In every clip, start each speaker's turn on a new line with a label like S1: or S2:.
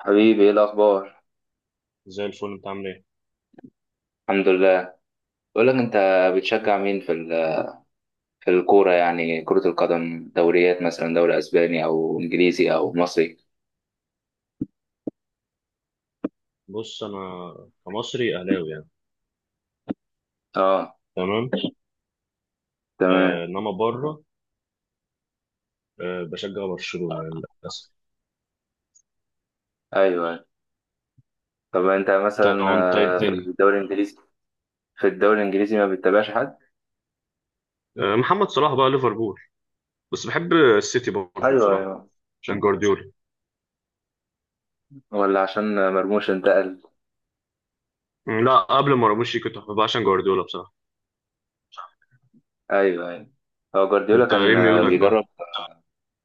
S1: حبيبي، ايه الاخبار؟
S2: زي الفل انت عامل ايه؟
S1: الحمد لله. بقول لك، انت بتشجع مين في في الكوره؟ يعني كره القدم، دوريات مثلا، دوري اسباني او انجليزي او مصري.
S2: بص انا كمصري اهلاوي يعني.
S1: اه،
S2: تمام. آه
S1: تمام.
S2: انما بره، آه بشجع برشلونه للاسف.
S1: ايوه. طب انت مثلا،
S2: تمام انت ايه
S1: في
S2: الدنيا.
S1: الدوري الانجليزي، ما بتتابعش حد؟
S2: آه محمد صلاح بقى ليفربول، بس بحب السيتي برضه
S1: ايوه
S2: بصراحه
S1: ايوه.
S2: عشان جوارديولا.
S1: ولا عشان مرموش انتقل؟
S2: لا قبل ما راموس يجي كنت بحبها عشان جوارديولا بصراحه.
S1: ايوه ايوه. هو جوارديولا
S2: انت ايه
S1: كان،
S2: ميولك بقى؟
S1: بيدرب،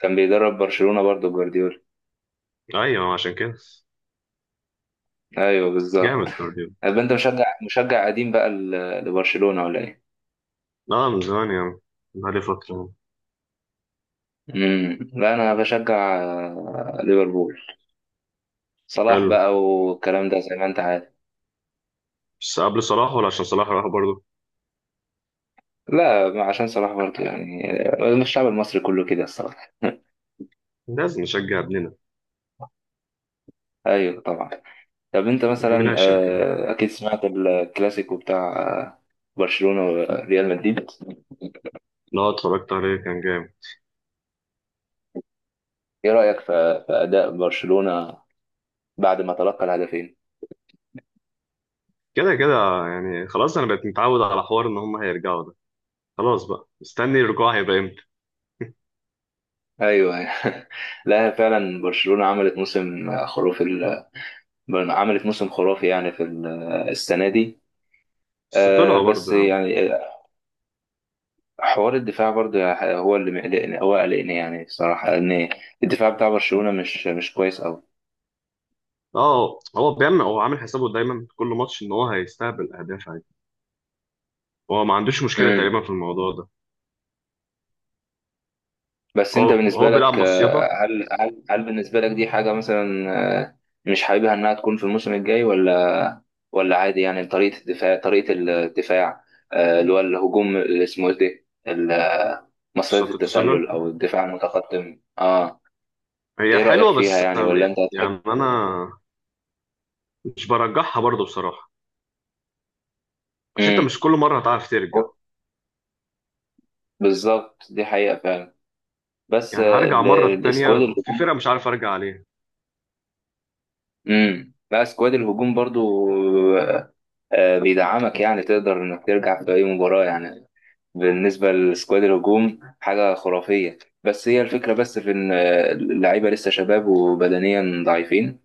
S1: كان بيدرب برشلونه برضو جوارديولا.
S2: ايوه عشان كده.
S1: ايوه بالظبط.
S2: جامد جوارديولا.
S1: طب انت مشجع قديم بقى لبرشلونه ولا ايه؟
S2: لا من زمان يعني، بقالي فتره.
S1: لا انا بشجع، ليفربول. صلاح
S2: حلو.
S1: بقى والكلام ده زي ما انت عارف.
S2: بس قبل صلاح ولا عشان صلاح راح برضه؟
S1: لا، ما عشان صلاح برضه يعني، الشعب المصري كله كده الصراحه.
S2: لازم نشجع ابننا،
S1: ايوه طبعا. طب انت
S2: مين
S1: مثلا،
S2: هيشجعه؟
S1: اكيد سمعت الكلاسيكو بتاع، برشلونه وريال مدريد.
S2: لا اتفرجت عليه كان جامد.
S1: ايه رايك في اداء برشلونه بعد ما تلقى الهدفين؟
S2: كده كده يعني، خلاص انا بقيت متعود على حوار ان هم هيرجعوا ده. خلاص بقى مستني الرجوع هيبقى امتى.
S1: ايوه. لا فعلا، برشلونه عملت موسم خرافي، عملت موسم خرافي يعني في السنه دي.
S2: بس طلعوا برضه
S1: بس
S2: يا عم.
S1: يعني حوار الدفاع برضه هو اللي مقلقني، هو قلقني يعني الصراحة، لأن الدفاع بتاع برشلونة مش كويس أوي.
S2: اه هو عامل حسابه دايما في كل ماتش ان هو هيستقبل اهداف عادي. هو ما عندوش مشكله
S1: امم.
S2: تقريبا في الموضوع ده.
S1: بس أنت
S2: هو
S1: بالنسبة
S2: هو بيلعب
S1: لك،
S2: مصيده.
S1: هل بالنسبة لك دي حاجة مثلا، آه، مش حاببها إنها تكون في الموسم الجاي، ولا عادي؟ يعني طريقة الدفاع، طريقة الدفاع، اللي هو الهجوم اللي اسمه إيه ده، مصيدة
S2: مصيده التسلل
S1: التسلل أو الدفاع المتقدم. أه،
S2: هي
S1: إيه رأيك
S2: حلوه،
S1: فيها
S2: بس
S1: يعني؟ ولا أنت هتحب؟
S2: يعني انا مش برجحها برضه بصراحه، عشان انت
S1: امم.
S2: مش كل مره هتعرف ترجع.
S1: بالظبط، دي حقيقة فعلا. بس
S2: يعني هرجع مره التانيه
S1: الاسكواد
S2: وفي
S1: الهجوم.
S2: فرقه مش عارف ارجع عليها.
S1: امم. لا، اسكواد الهجوم برضو آه، بيدعمك يعني، تقدر انك ترجع في اي مباراة يعني. بالنسبة لسكواد الهجوم، حاجة خرافية. بس هي الفكرة بس في ان، اللعيبة لسه شباب وبدنيا ضعيفين،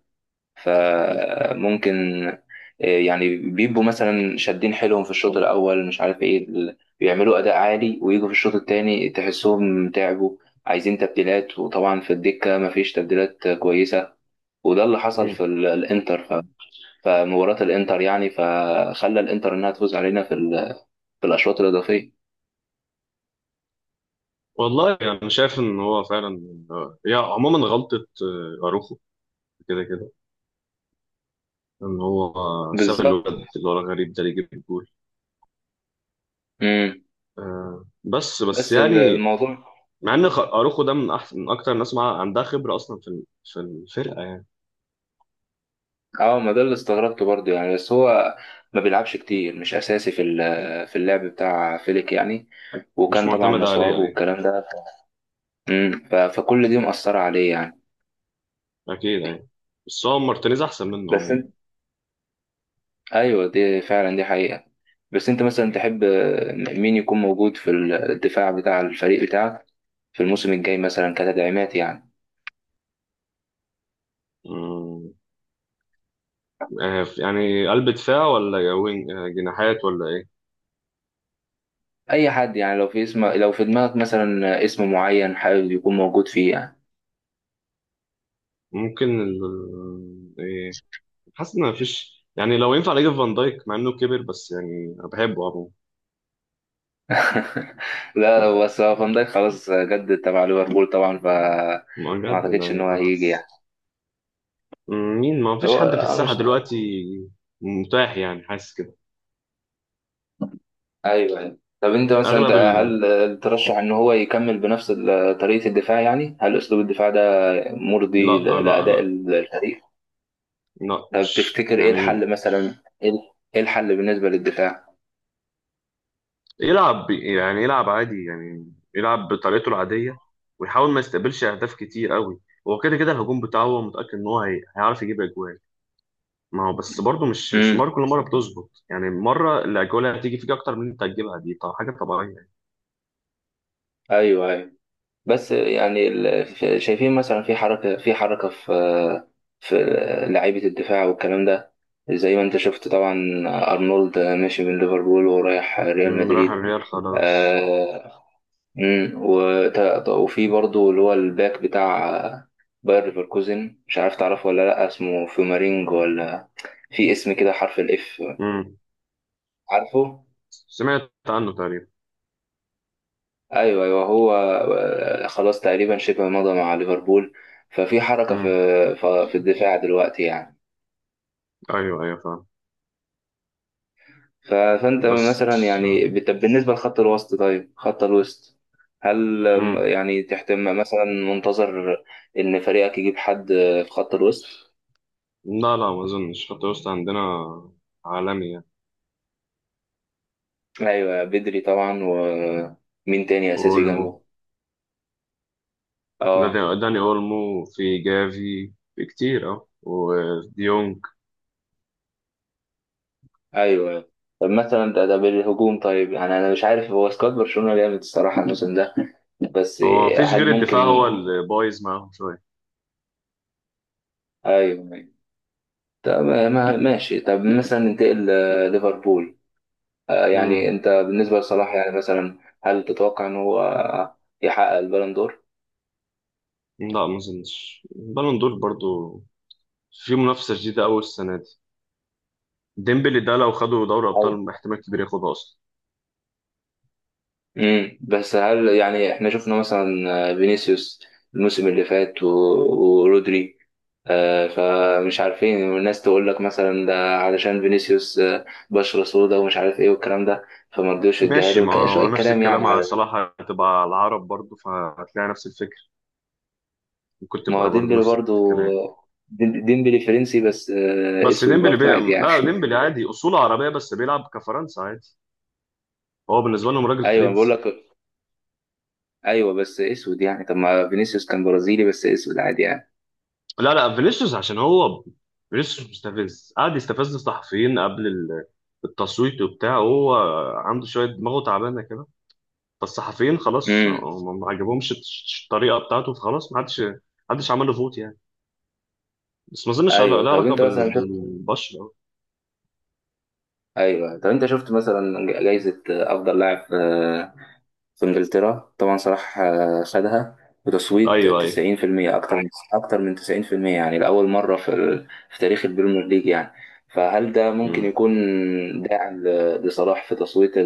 S1: فممكن يعني بيبقوا مثلا شادين حيلهم في الشوط الاول، مش عارف ايه، بيعملوا اداء عالي، ويجوا في الشوط التاني تحسهم تعبوا، عايزين تبديلات، وطبعا في الدكة مفيش تبديلات كويسة. وده اللي حصل
S2: مم.
S1: في الانتر، فمباراة الانتر يعني، فخلى الانتر انها تفوز علينا في في الاشواط الاضافية.
S2: والله انا يعني شايف ان هو فعلا هي عموما غلطه. اروخو، كده كده، ان هو ساب الولد
S1: بالظبط.
S2: اللي هو الغريب ده اللي يجيب الجول.
S1: امم.
S2: آه بس
S1: بس
S2: يعني
S1: الموضوع.
S2: مع ان اروخو ده من احسن من اكتر الناس مع عندها خبره اصلا في الفرقه يعني.
S1: اه، ما ده اللي استغربته برضه يعني، بس هو ما بيلعبش كتير، مش اساسي في في اللعب بتاع فيليك يعني،
S2: مش
S1: وكان طبعا
S2: معتمد عليه
S1: مصاب
S2: يعني.
S1: والكلام ده. امم. فكل دي مأثرة عليه يعني.
S2: اكيد يعني، بس هو مارتينيز احسن منه
S1: بس
S2: عموما.
S1: انت، ايوه دي فعلا، دي حقيقة. بس انت مثلا تحب مين يكون موجود في الدفاع بتاع الفريق بتاعك في الموسم الجاي مثلا، كتدعيمات يعني؟
S2: مم. آه يعني قلب دفاع ولا يا وينج آه جناحات ولا ايه؟
S1: اي حد يعني، لو في اسم، لو في دماغك مثلا اسم معين حابب يكون موجود فيه يعني.
S2: ممكن ايه، حاسس ان مفيش يعني، لو ينفع اجيب فان دايك مع انه كبر بس يعني انا بحبه.
S1: لا، بس هو فان دايك خلاص جدد تبع ليفربول طبعا، ف
S2: عموما
S1: ما
S2: بجد ده
S1: اعتقدش ان
S2: يعني
S1: هو هيجي يعني.
S2: خلاص. مين، ما فيش
S1: هو
S2: حد في
S1: مش.
S2: الساحة دلوقتي متاح يعني، حاسس كده.
S1: ايوه أيوة. طب انت مثلا، انت
S2: أغلب ال
S1: هل ترشح ان هو يكمل بنفس طريقة الدفاع؟ يعني هل اسلوب الدفاع ده
S2: لا
S1: مرضي
S2: آه، لا
S1: لاداء
S2: لا
S1: الفريق؟
S2: لا
S1: طب
S2: مش
S1: تفتكر ايه
S2: يعني.
S1: الحل مثلا؟ ايه، إيه الحل بالنسبة للدفاع؟
S2: يلعب يعني، يلعب عادي يعني يلعب بطريقته العادية، ويحاول ما يستقبلش أهداف كتير قوي. هو كده كده الهجوم بتاعه هو متأكد إن هو هيعرف يجيب أجوال. ما هو بس برضه مش
S1: امم.
S2: مرة، كل مرة بتظبط يعني، مرة الأجوال اللي هتيجي فيك أكتر من اللي أنت هتجيبها دي طبعا حاجة طبيعية يعني.
S1: ايوه ايوه. بس يعني شايفين مثلا في حركة، في في لعيبة الدفاع والكلام ده، زي ما انت شفت طبعا، أرنولد ماشي من ليفربول ورايح ريال
S2: مم، راح
S1: مدريد.
S2: الريال خلاص.
S1: آه. وفي برضو اللي هو الباك بتاع باير ليفركوزن، مش عارف تعرفه ولا لأ، اسمه فيومارينج ولا في اسم كده حرف الإف،
S2: مم.
S1: عارفه؟
S2: سمعت عنه تقريبا.
S1: ايوه ايوه. هو، خلاص تقريبا شبه مضى مع ليفربول، ففي حركه
S2: مم.
S1: في في الدفاع دلوقتي يعني.
S2: أيوه أيوه فاهم.
S1: فانت
S2: بس.
S1: مثلا يعني، بالنسبه لخط الوسط، طيب خط الوسط، هل
S2: مم.
S1: يعني تحتم مثلا منتظر ان فريقك يجيب حد، في خط الوسط؟
S2: لا لا ما اظنش، خط الوسط عندنا عالمي يعني.
S1: ايوه بدري طبعا. ومين تاني اساسي
S2: اولمو.
S1: جنبه؟ اه.
S2: داني اولمو، في جافي، في كتير اه وديونج.
S1: ايوه. طب مثلا، ده بالهجوم طيب، يعني انا مش عارف، هو سكواد برشلونه جامد الصراحه الموسم ده، بس
S2: هو ما فيش
S1: هل
S2: غير الدفاع
S1: ممكن؟
S2: هو اللي بايظ معاهم شويه.
S1: ايوه ايوه. طب ماشي، طب مثلا ننتقل ليفربول. يعني
S2: مم.
S1: انت بالنسبه لصلاح، يعني مثلا هل تتوقع ان هو، يحقق البالون دور؟
S2: لا ما اظنش بالون دور برضو، في منافسه شديده قوي السنه دي. ديمبلي ده لو خدوا دوري
S1: أو،
S2: ابطال احتمال كبير ياخدها اصلا.
S1: امم، بس هل يعني احنا شفنا مثلا، فينيسيوس الموسم اللي فات، ورودري، فمش عارفين، والناس تقول لك مثلا ده علشان فينيسيوس، بشرة سودا ومش عارف ايه والكلام ده، فما رضيوش يديها
S2: ماشي
S1: له،
S2: ما هو
S1: شوية
S2: نفس
S1: كلام يعني.
S2: الكلام على صلاح، هتبقى على العرب برضو فهتلاقي نفس الفكر، ممكن
S1: ما هو
S2: تبقى برضو
S1: ديمبلي
S2: نفس
S1: برضو،
S2: الكلام.
S1: ديمبلي فرنسي بس،
S2: بس
S1: اسود برضو عادي يعني.
S2: لا ديمبلي عادي اصوله عربيه بس بيلعب كفرنسا عادي، هو بالنسبه لهم راجل
S1: ايوه بقول
S2: فرنسي.
S1: لك، ايوه بس اسود يعني. طب ما فينيسيوس كان برازيلي بس اسود عادي يعني.
S2: لا لا فينيسيوس عشان هو، فينيسيوس مستفز قعد يستفز الصحفيين قبل التصويت وبتاع. هو عنده شويه دماغه تعبانه كده، فالصحفيين خلاص
S1: امم.
S2: هم ما عجبهمش الطريقه بتاعته، فخلاص ما حدش عمل له فوت يعني. بس ما اظنش لا
S1: ايوه. طب
S2: علاقه
S1: انت مثلا شفت،
S2: بالبشره.
S1: ايوه طب انت شفت مثلا جائزة افضل لاعب، في انجلترا، طبعا صلاح، خدها بتصويت
S2: ايوه ايوه.
S1: 90%، اكتر من 90%، يعني لاول مرة في في تاريخ البريمير ليج يعني. فهل ده ممكن
S2: مم.
S1: يكون داعم لصلاح في تصويت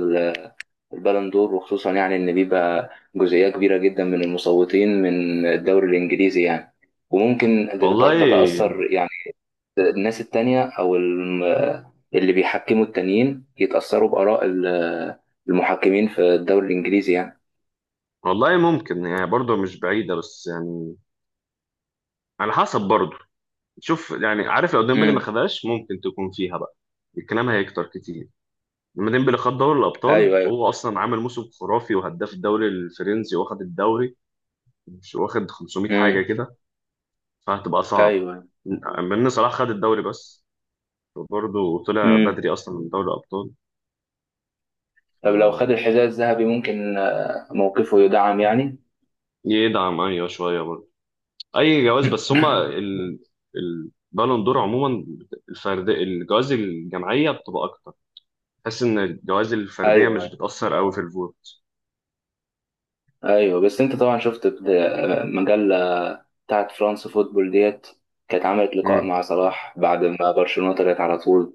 S1: البالون دور؟ وخصوصا يعني ان بيبقى جزئيه كبيره جدا من المصوتين من الدوري الانجليزي يعني، وممكن
S2: والله.
S1: تتاثر يعني الناس التانية، او اللي بيحكموا التانيين يتاثروا باراء المحكمين في الدوري الانجليزي يعني.
S2: والله ممكن يعني برضه مش بعيده، بس يعني على حسب برضه. شوف يعني، عارف لو ديمبلي ما
S1: امم.
S2: خدهاش ممكن تكون فيها بقى، الكلام هيكتر كتير. لما ديمبلي خد دوري الابطال
S1: ايوه ايوه.
S2: وهو اصلا عامل موسم خرافي وهداف الدوري الفرنسي واخد الدوري، مش واخد 500 حاجه
S1: امم.
S2: كده، فهتبقى صعبه
S1: ايوه.
S2: من إن صلاح خد الدوري بس، برضه طلع
S1: امم.
S2: بدري اصلا من دوري الابطال. ف-
S1: طب لو خد الحذاء الذهبي، ممكن موقفه يدعم يعني.
S2: يدعم ايوه شويه برضه، اي جواز. بس هما البالون دور عموما الفرد، الجوائز الجماعيه بتبقى اكتر، تحس ان الجوائز الفرديه مش
S1: ايوه
S2: بتاثر قوي في الفوت.
S1: ايوه. بس انت طبعا شفت مجله بتاعت فرنسا فوتبول ديت، كانت عملت لقاء
S2: امم.
S1: مع صلاح بعد ما برشلونة طلعت على طول.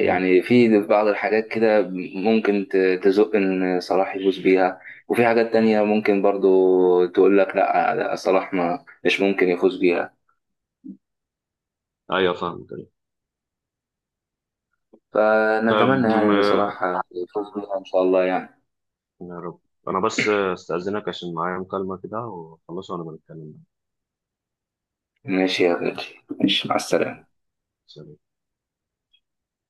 S2: امم.
S1: في بعض الحاجات كده ممكن تزق ان صلاح يفوز بيها، وفي حاجات تانية ممكن برضو تقول لك لا لا، صلاح ما مش ممكن يفوز بيها.
S2: ايوه فاهمك أيوة. طب
S1: فنتمنى يعني ان صلاح
S2: آه،
S1: يفوز بيها ان شاء الله يعني.
S2: يا رب. انا بس آه، استاذنك عشان معايا مكالمه كده واخلصها وانا بنتكلم
S1: ماشي يا غالي، ماشي مع السلامة.